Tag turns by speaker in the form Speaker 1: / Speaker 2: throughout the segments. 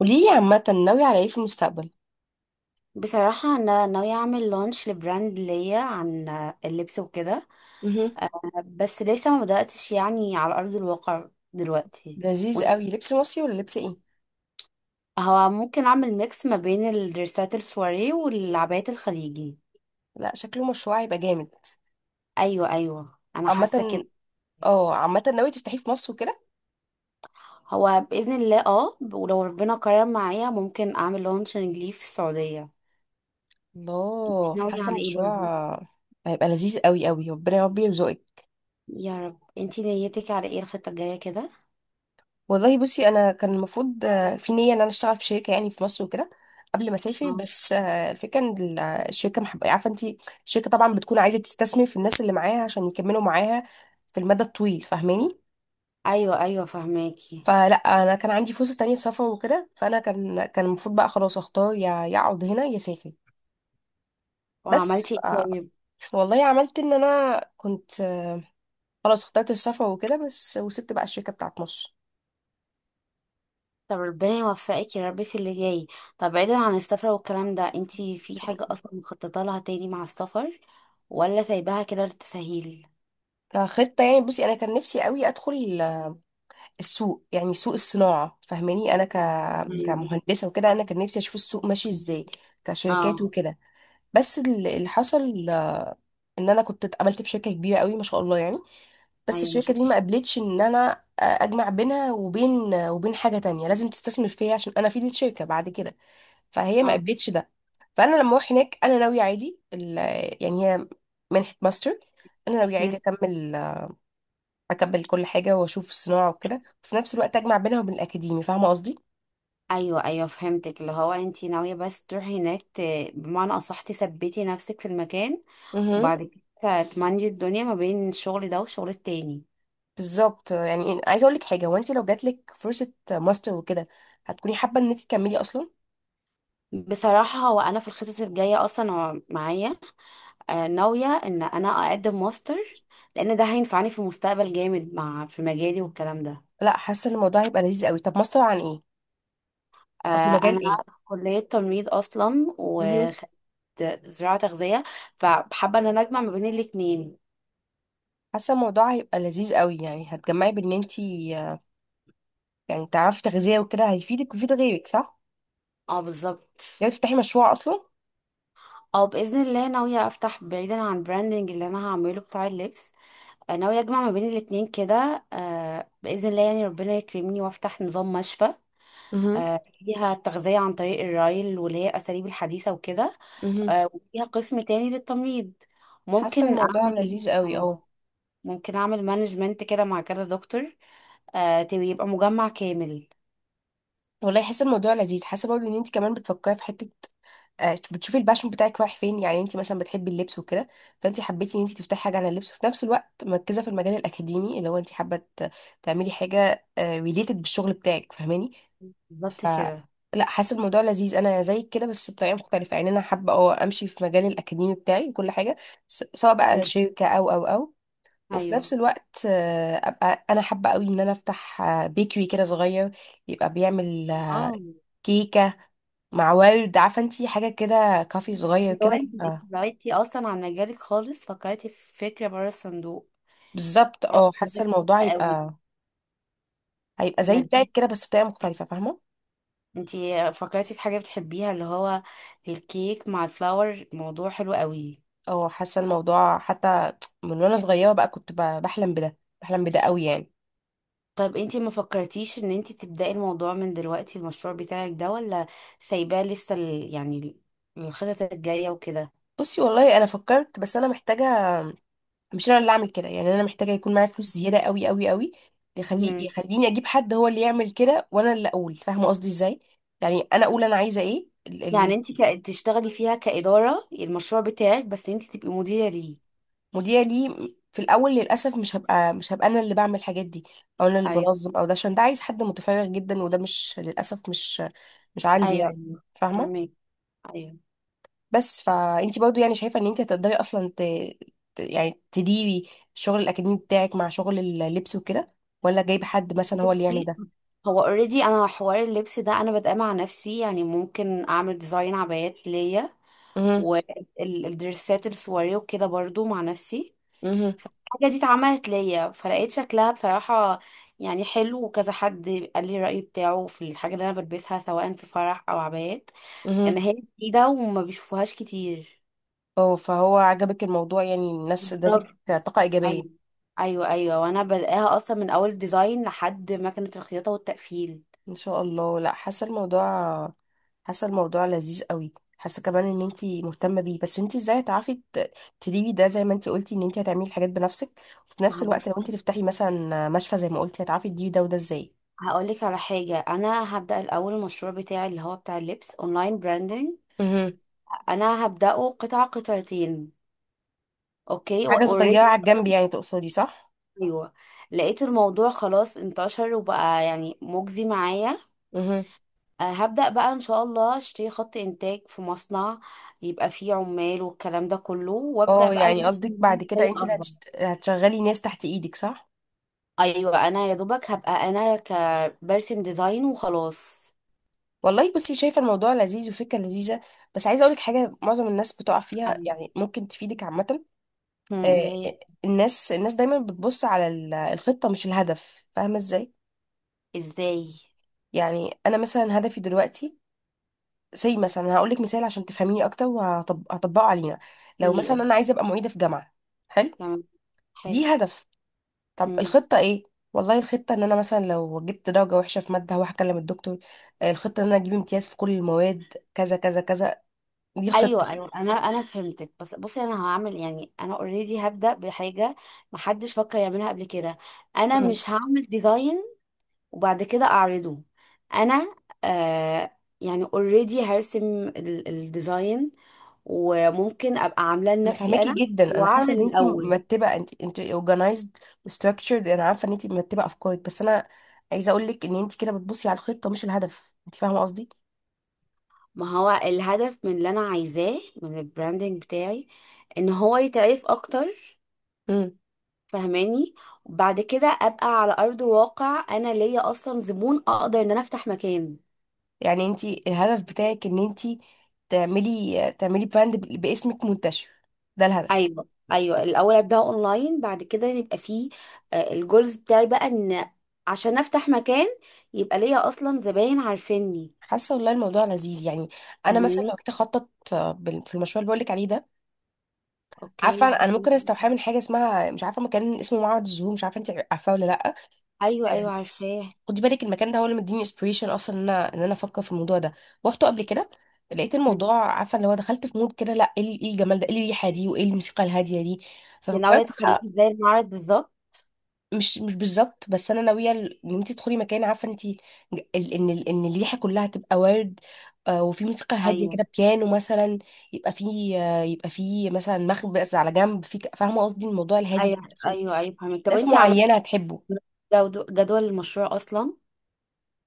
Speaker 1: قوليلي عامة ناوية على ايه في المستقبل؟
Speaker 2: بصراحة أنا ناوية أعمل لونش لبراند ليا عن اللبس وكده،
Speaker 1: مهم.
Speaker 2: بس لسه ما بدأتش يعني على أرض الواقع دلوقتي.
Speaker 1: لذيذ
Speaker 2: وإن-
Speaker 1: قوي، لبس مصري ولا لبس ايه؟
Speaker 2: هو ممكن أعمل ميكس ما بين الدرسات السواري والعبايات الخليجي.
Speaker 1: لا شكله مشروع هيبقى جامد.
Speaker 2: أيوة أيوة، أنا حاسة
Speaker 1: عامة،
Speaker 2: كده.
Speaker 1: اه عامة ناوية تفتحيه في مصر وكده.
Speaker 2: هو بإذن الله اه، ولو ربنا كرم معايا ممكن أعمل لونشنج ليه في السعودية. انتي
Speaker 1: الله،
Speaker 2: ناوية
Speaker 1: حاسة
Speaker 2: على ايه برضو؟
Speaker 1: المشروع هيبقى لذيذ قوي قوي، ربنا يا رب يرزقك.
Speaker 2: يا رب. انتي نيتك على ايه الخطة الجاية كده؟
Speaker 1: والله بصي، انا كان المفروض في نية ان انا اشتغل في شركة يعني في مصر وكده قبل ما اسافر.
Speaker 2: آه.
Speaker 1: بس الفكرة ان الشركة محب... عارفة انتي. الشركة طبعا بتكون عايزة تستثمر في الناس اللي معاها عشان يكملوا معاها في المدى الطويل، فاهماني.
Speaker 2: أيوة أيوة فهماكي.
Speaker 1: فلا انا كان عندي فرصه تانية سفر وكده، فانا كان المفروض بقى خلاص اختار، يا اقعد هنا يا اسافر. بس
Speaker 2: وعملتي ايه طيب؟
Speaker 1: ف- والله عملت ان انا كنت خلاص اخترت السفر وكده، بس وسبت بقى الشركه بتاعت مصر.
Speaker 2: طب ربنا يوفقك يا رب في اللي جاي. طب بعيدا عن السفر والكلام ده، انتي
Speaker 1: ان
Speaker 2: في
Speaker 1: شاء
Speaker 2: حاجة
Speaker 1: الله.
Speaker 2: اصلا مخططة لها تاني مع السفر ولا سايباها كده للتسهيل؟
Speaker 1: كخطه يعني بصي، انا كان نفسي قوي ادخل السوق، يعني سوق الصناعه، فاهماني، انا ك
Speaker 2: مم.
Speaker 1: كمهندسه وكده. انا كان نفسي اشوف السوق ماشي ازاي كشركات
Speaker 2: اه.
Speaker 1: وكده. بس اللي حصل ان انا كنت اتقابلت في شركه كبيره قوي ما شاء الله يعني. بس
Speaker 2: ايوه مش.
Speaker 1: الشركة دي ما قبلتش ان انا اجمع بينها وبين حاجة تانية، لازم تستثمر فيا عشان انا افيد الشركة بعد كده، فهي ما
Speaker 2: اه.
Speaker 1: قبلتش ده. فانا لما اروح هناك انا ناوية عادي يعني هي منحة ماستر، انا ناوية عادي
Speaker 2: مم.
Speaker 1: اكمل. كل حاجة واشوف الصناعة وكده، وفي نفس الوقت اجمع بينها وبين الاكاديمي، فاهمة قصدي؟
Speaker 2: ايوه ايوه فهمتك، اللي هو انتي ناوية بس تروحي هناك بمعنى اصح تثبتي نفسك في المكان،
Speaker 1: امم،
Speaker 2: وبعد كده تمانجي الدنيا ما بين الشغل ده والشغل التاني.
Speaker 1: بالظبط. يعني عايزة اقول لك حاجة، هو انت لو جاتلك فرصة ماستر وكده هتكوني حابة ان انت تكملي اصلا؟
Speaker 2: بصراحة هو انا في الخطط الجاية اصلا هو معايا، ناوية ان انا اقدم ماستر، لان ده هينفعني في المستقبل جامد مع في مجالي والكلام ده.
Speaker 1: لا حاسة ان الموضوع هيبقى لذيذ قوي. طب ماستر عن ايه؟ او في
Speaker 2: آه،
Speaker 1: مجال
Speaker 2: انا في كلية تمريض اصلا،
Speaker 1: ايه؟
Speaker 2: وخدت زراعة تغذية، فحابة ان انا اجمع ما بين الاتنين.
Speaker 1: حاسه الموضوع هيبقى لذيذ قوي. يعني هتجمعي بان انتي يعني تعرفي تغذيه وكده، هيفيدك ويفيد غيرك، صح؟
Speaker 2: اه بالظبط.
Speaker 1: لو تفتحي مشروع اصلا.
Speaker 2: او باذن الله ناوية افتح بعيدا عن البراندنج اللي انا هعمله بتاع اللبس. ناوية اجمع ما بين الاتنين كده، باذن الله، يعني ربنا يكرمني وافتح نظام مشفى.
Speaker 1: مهم.
Speaker 2: فيها التغذية عن طريق الرايل، واللي هي الأساليب الحديثة وكده.
Speaker 1: امم.
Speaker 2: وفيها قسم تاني للتمريض.
Speaker 1: حاسه
Speaker 2: ممكن
Speaker 1: الموضوع
Speaker 2: اعمل
Speaker 1: لذيذ قوي، اه.
Speaker 2: ممكن اعمل مانجمنت كده مع كذا دكتور. يبقى مجمع كامل.
Speaker 1: والله حاسه الموضوع لذيذ. حاسه برضه ان انت كمان بتفكري في حته، بتشوفي الباشون بتاعك رايح فين. يعني انت مثلا بتحبي اللبس وكده، فانت حبيتي ان انت تفتحي حاجه عن اللبس، وفي نفس الوقت مركزه في المجال الاكاديمي اللي هو انت حابه تعملي حاجه ريليتد بالشغل بتاعك، فاهماني. ف
Speaker 2: بالظبط كده.
Speaker 1: لا حاسه الموضوع لذيذ. انا زيك كده بس بطريقه مختلفه. يعني انا حابه اه امشي في مجال الاكاديمي بتاعي وكل حاجه، سواء بقى
Speaker 2: مم.
Speaker 1: شركه او او، وفي نفس
Speaker 2: ايوه.
Speaker 1: الوقت ابقى انا حابه قوي ان انا افتح بيكري كده صغير، يبقى بيعمل
Speaker 2: اه.
Speaker 1: كيكه مع ورد. عارفه انتي، حاجه كده كافي صغير
Speaker 2: لو
Speaker 1: كده
Speaker 2: انت انت
Speaker 1: يبقى.
Speaker 2: بعدتي اصلا عن مجالك خالص، فكرتي في فكره بره الصندوق.
Speaker 1: بالظبط،
Speaker 2: اه
Speaker 1: اه. حاسه
Speaker 2: بجد.
Speaker 1: الموضوع
Speaker 2: قوي.
Speaker 1: هيبقى زي
Speaker 2: لذيذ.
Speaker 1: بتاعك كده بس بطريقه مختلفه، فاهمه.
Speaker 2: انت فكرتي في حاجه بتحبيها، اللي هو الكيك مع الفلاور، موضوع حلو قوي.
Speaker 1: اه حاسه الموضوع حتى من وانا صغيره بقى، كنت بحلم بده قوي يعني.
Speaker 2: طب انتي ما فكرتيش ان انتي تبدأي الموضوع من دلوقتي، المشروع بتاعك ده، ولا سايباه لسه يعني الخطط الجاية وكده؟
Speaker 1: بصي والله انا فكرت، بس انا محتاجه، مش انا اللي اعمل كده يعني. انا محتاجه يكون معايا فلوس زياده قوي قوي قوي،
Speaker 2: مم.
Speaker 1: يخليني اجيب حد هو اللي يعمل كده وانا اللي اقول، فاهمه قصدي ازاي؟ يعني انا اقول انا عايزه ايه.
Speaker 2: يعني انتي تشتغلي فيها كإدارة المشروع بتاعك، بس انتي تبقي مديرة ليه.
Speaker 1: المذيع لي في الاول. للاسف مش هبقى انا اللي بعمل الحاجات دي، او انا اللي
Speaker 2: ايوه
Speaker 1: بنظم او ده، عشان ده عايز حد متفرغ جدا، وده مش مش عندي
Speaker 2: ايوه.
Speaker 1: يعني،
Speaker 2: ايوه
Speaker 1: فاهمه.
Speaker 2: فاهمك. ايوه.
Speaker 1: بس فانت برضو يعني شايفة ان انت هتقدري اصلا ت... يعني تديري الشغل الاكاديمي بتاعك مع شغل اللبس وكده، ولا جايب حد مثلا هو اللي يعمل
Speaker 2: بصي،
Speaker 1: ده؟
Speaker 2: هو اوريدي انا حوار اللبس ده انا بادئه مع نفسي، يعني ممكن اعمل ديزاين عبايات ليا،
Speaker 1: امم.
Speaker 2: والدرسات السواري وكده برضو مع نفسي.
Speaker 1: امم.
Speaker 2: الحاجة دي اتعملت ليا، فلقيت شكلها بصراحة يعني حلو، وكذا حد قال لي الرأي بتاعه في الحاجة اللي أنا بلبسها، سواء في فرح أو عبايات،
Speaker 1: امم.
Speaker 2: إن هي جديدة وما بيشوفوهاش كتير.
Speaker 1: اه فهو عجبك الموضوع، يعني الناس ادتك
Speaker 2: بالظبط.
Speaker 1: طاقة ايجابية.
Speaker 2: أيوة. أيوة أيوة، وأنا بلاقيها أصلا من أول ديزاين لحد مكنة الخياطة والتقفيل.
Speaker 1: ان شاء الله. لا حاسة حاسة الموضوع لذيذ قوي. حاسة كمان ان انت مهتمة بيه، بس انت ازاي هتعرفي تديري ده زي ما انت قلتي ان انت هتعملي الحاجات بنفسك، وفي نفس
Speaker 2: ما
Speaker 1: الوقت لو انت
Speaker 2: بصي،
Speaker 1: تفتحي مثلا مشفى زي ما قلتي، هتعرفي تديري ده وده ازاي؟
Speaker 2: هقولك على حاجة. أنا هبدأ الأول المشروع بتاعي اللي هو بتاع اللبس أونلاين براندنج، أنا هبدأه قطعة قطعتين. اوكي،
Speaker 1: حاجة صغيرة
Speaker 2: اوريدي.
Speaker 1: على الجنب يعني تقصدي، صح؟
Speaker 2: ايوه. لقيت الموضوع خلاص انتشر، وبقى يعني مجزي معايا.
Speaker 1: مهم.
Speaker 2: أه، هبدأ بقى ان شاء الله اشتري خط انتاج في مصنع، يبقى فيه عمال والكلام ده كله، وابدأ
Speaker 1: اه
Speaker 2: بقى
Speaker 1: يعني
Speaker 2: ألوش
Speaker 1: قصدك
Speaker 2: من
Speaker 1: بعد كده انت
Speaker 2: بطريقة
Speaker 1: اللي
Speaker 2: اكبر.
Speaker 1: هتشت... هتشغلي ناس تحت ايدك، صح؟
Speaker 2: ايوه، انا يا دوبك هبقى كبرسم ديزاين وخلاص.
Speaker 1: والله بصي، شايفة الموضوع لذيذ وفكرة لذيذة. بس عايزة اقولك حاجة معظم الناس بتقع فيها،
Speaker 2: أيوة.
Speaker 1: يعني ممكن تفيدك عامة.
Speaker 2: مم، اللي
Speaker 1: آه،
Speaker 2: هي؟
Speaker 1: الناس دايما بتبص على الخطة مش الهدف، فاهمة ازاي؟
Speaker 2: ازاي؟
Speaker 1: يعني انا مثلا هدفي دلوقتي، زي مثلا هقولك مثال عشان تفهميني اكتر وهطبقه علينا، لو
Speaker 2: إيه.
Speaker 1: مثلا انا عايزة ابقى معيدة في جامعة، حلو؟
Speaker 2: تمام. حلو.
Speaker 1: دي هدف. طب
Speaker 2: مم.
Speaker 1: الخطة ايه؟ والله الخطة ان انا مثلا لو جبت درجة وحشة في مادة هروح اكلم الدكتور، الخطة ان انا اجيب امتياز في كل المواد، كذا كذا كذا. دي الخطة،
Speaker 2: ايوه
Speaker 1: صح؟
Speaker 2: ايوه انا فهمتك، بس بصي، انا هعمل يعني انا اوريدي هبدا بحاجه محدش فكر يعملها قبل كده. انا
Speaker 1: مم.
Speaker 2: مش هعمل ديزاين وبعد كده اعرضه. انا آه يعني اوريدي هرسم الديزاين، وممكن ابقى عاملاه
Speaker 1: انا
Speaker 2: لنفسي
Speaker 1: فاهماكي
Speaker 2: انا
Speaker 1: جدا، انا حاسة
Speaker 2: واعرض
Speaker 1: ان انتي
Speaker 2: الاول.
Speaker 1: مرتبة، انت organized و structured. انا عارفة ان انتي مرتبة افكارك، بس انا عايزة اقول لك ان انتي كده بتبصي على الخطة مش الهدف، انت فاهمة قصدي؟
Speaker 2: ما هو الهدف من اللي انا عايزاه من البراندنج بتاعي ان هو يتعرف اكتر،
Speaker 1: مم.
Speaker 2: فهماني، وبعد كده ابقى على ارض واقع، انا ليا اصلا زبون اقدر ان انا افتح مكان.
Speaker 1: يعني انتي الهدف بتاعك ان انتي تعملي براند باسمك منتشر، ده الهدف.
Speaker 2: ايوه ايوه، الاول ابدا اونلاين، بعد كده يبقى فيه الجولز بتاعي بقى ان عشان افتح مكان يبقى ليا اصلا زباين عارفيني.
Speaker 1: حاسه والله الموضوع لذيذ يعني. انا مثلا
Speaker 2: فهماني.
Speaker 1: لو كنت اخطط في المشروع اللي بقول لك عليه ده، عارفه
Speaker 2: اوكي.
Speaker 1: أنا ممكن استوحاه من حاجه اسمها، مش عارفه، مكان اسمه معبد الزهور، مش عارفه انت عارفاه ولا لا. آه،
Speaker 2: ايوه ايوه عارفاه.
Speaker 1: خدي بالك المكان ده هو اللي مديني انسبيريشن اصلا ان ان انا افكر في الموضوع ده. روحته قبل كده، لقيت
Speaker 2: هم.
Speaker 1: الموضوع، عارفه، اللي هو دخلت في مود كده، لا ايه إيه الجمال ده، ايه الريحه دي، وايه الموسيقى الهاديه دي.
Speaker 2: دي ناويه
Speaker 1: ففكرت
Speaker 2: تخليه
Speaker 1: بقى.
Speaker 2: زي المعرض بالظبط؟
Speaker 1: مش بالظبط، بس انا ناويه ان انت تدخلي مكان، عارفه انت ان الريحه كلها تبقى ورد، وفي موسيقى هاديه
Speaker 2: ايوه.
Speaker 1: كده بيانو مثلا، يبقى في يبقى في مثلا مخبز على جنب في فاهمه قصدي، الموضوع الهادي ده،
Speaker 2: ايوه
Speaker 1: بس
Speaker 2: ايوه ايوه فهمت. طب
Speaker 1: ناس
Speaker 2: انت عملتي
Speaker 1: معينه هتحبه.
Speaker 2: جدول المشروع اصلا؟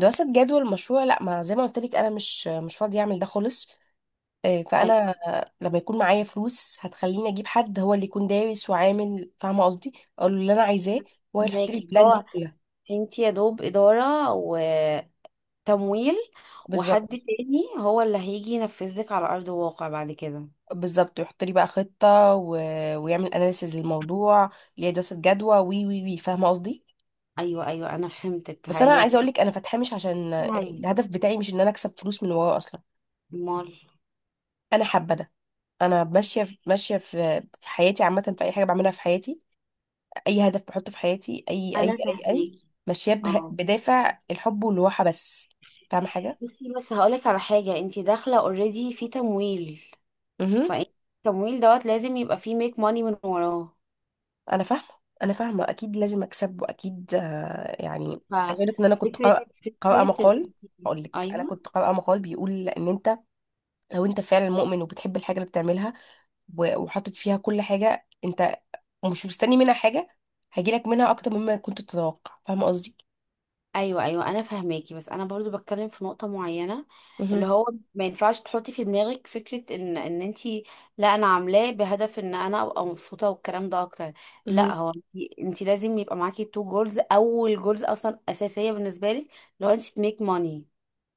Speaker 1: دراسه جدوى المشروع لا، ما زي ما قلت لك انا مش فاضيه اعمل ده خالص. آه، فانا
Speaker 2: ايوه.
Speaker 1: آه، لما يكون معايا فلوس هتخليني اجيب حد هو اللي يكون دارس وعامل، فاهمه قصدي، اقول له اللي انا عايزاه وهو يحط لي
Speaker 2: فهماكي.
Speaker 1: البلان دي
Speaker 2: هو
Speaker 1: كلها.
Speaker 2: انت يا دوب إدارة وتمويل، وحد
Speaker 1: بالظبط.
Speaker 2: تاني هو اللي هيجي ينفذ لك على أرض الواقع بعد كده.
Speaker 1: بالظبط، ويحط لي بقى خطة و... ويعمل اناليسز للموضوع، ليه دراسة جدوى، وي وي وي فاهمة قصدي.
Speaker 2: أيوة أيوة أنا فهمتك.
Speaker 1: بس انا
Speaker 2: هي.
Speaker 1: عايزة اقول لك انا فاتحاه مش عشان
Speaker 2: هي.
Speaker 1: الهدف بتاعي، مش ان انا اكسب فلوس من وراه اصلا.
Speaker 2: مال.
Speaker 1: انا حابة ده، انا ماشية في... ماشية في... في حياتي عامة، في اي حاجة بعملها في حياتي، اي هدف بحطه في حياتي،
Speaker 2: أنا
Speaker 1: اي
Speaker 2: فهماكي.
Speaker 1: ماشية به...
Speaker 2: اه.
Speaker 1: بدافع الحب والراحة بس، فاهمة
Speaker 2: بصي، بس هقولك على حاجة، انت داخلة اوريدي في تمويل،
Speaker 1: حاجة.
Speaker 2: فانت التمويل دوت لازم يبقى فيه ميك ماني من وراه.
Speaker 1: انا فاهمه انا فاهمه، اكيد لازم اكسب واكيد يعني. عايزه اقول لك ان انا كنت
Speaker 2: ففكرة. فكرة ان
Speaker 1: قارئة
Speaker 2: انت-
Speaker 1: مقال. هقول لك انا
Speaker 2: أيوة.
Speaker 1: كنت قارئه مقال بيقول ان انت لو انت فعلا مؤمن وبتحب الحاجه اللي بتعملها، وحاطط فيها كل حاجه، انت مش مستني منها حاجه، هيجيلك منها اكتر مما كنت تتوقع، فاهمه قصدي.
Speaker 2: ايوه ايوه انا فاهماكي، بس انا برضو بتكلم في نقطه معينه،
Speaker 1: مهم.
Speaker 2: اللي هو ما ينفعش تحطي في دماغك فكره ان انتي، لا انا عاملاه بهدف ان انا ابقى مبسوطه والكلام ده اكتر. لا،
Speaker 1: مهم.
Speaker 2: هو إنتي لازم يبقى معاكي تو جولز، اول جولز اصلا اساسيه بالنسبه لك لو انتي تميك ماني.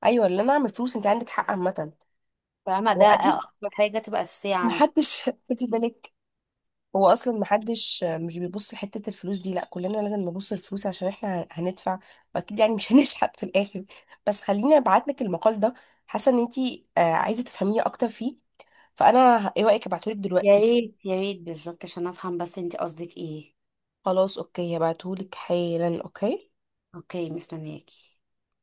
Speaker 1: ايوه اللي انا اعمل فلوس، انت عندك حق عامه،
Speaker 2: فاهمه، ده
Speaker 1: واكيد
Speaker 2: اكتر حاجه تبقى اساسيه عندك.
Speaker 1: محدش خدي بالك، هو اصلا محدش، مش بيبص لحته الفلوس دي، لا كلنا لازم نبص الفلوس عشان احنا هندفع، واكيد يعني مش هنشحت في الاخر. بس خليني ابعت لك المقال ده، حاسه ان انتي عايزه تفهميه اكتر فيه. فانا ايه رايك ابعتهولك
Speaker 2: يا
Speaker 1: دلوقتي؟
Speaker 2: ريت يا ريت، بالظبط عشان افهم بس انتي قصدك ايه.
Speaker 1: خلاص اوكي، هبعتهولك حالا، اوكي.
Speaker 2: اوكي، مستنياكي.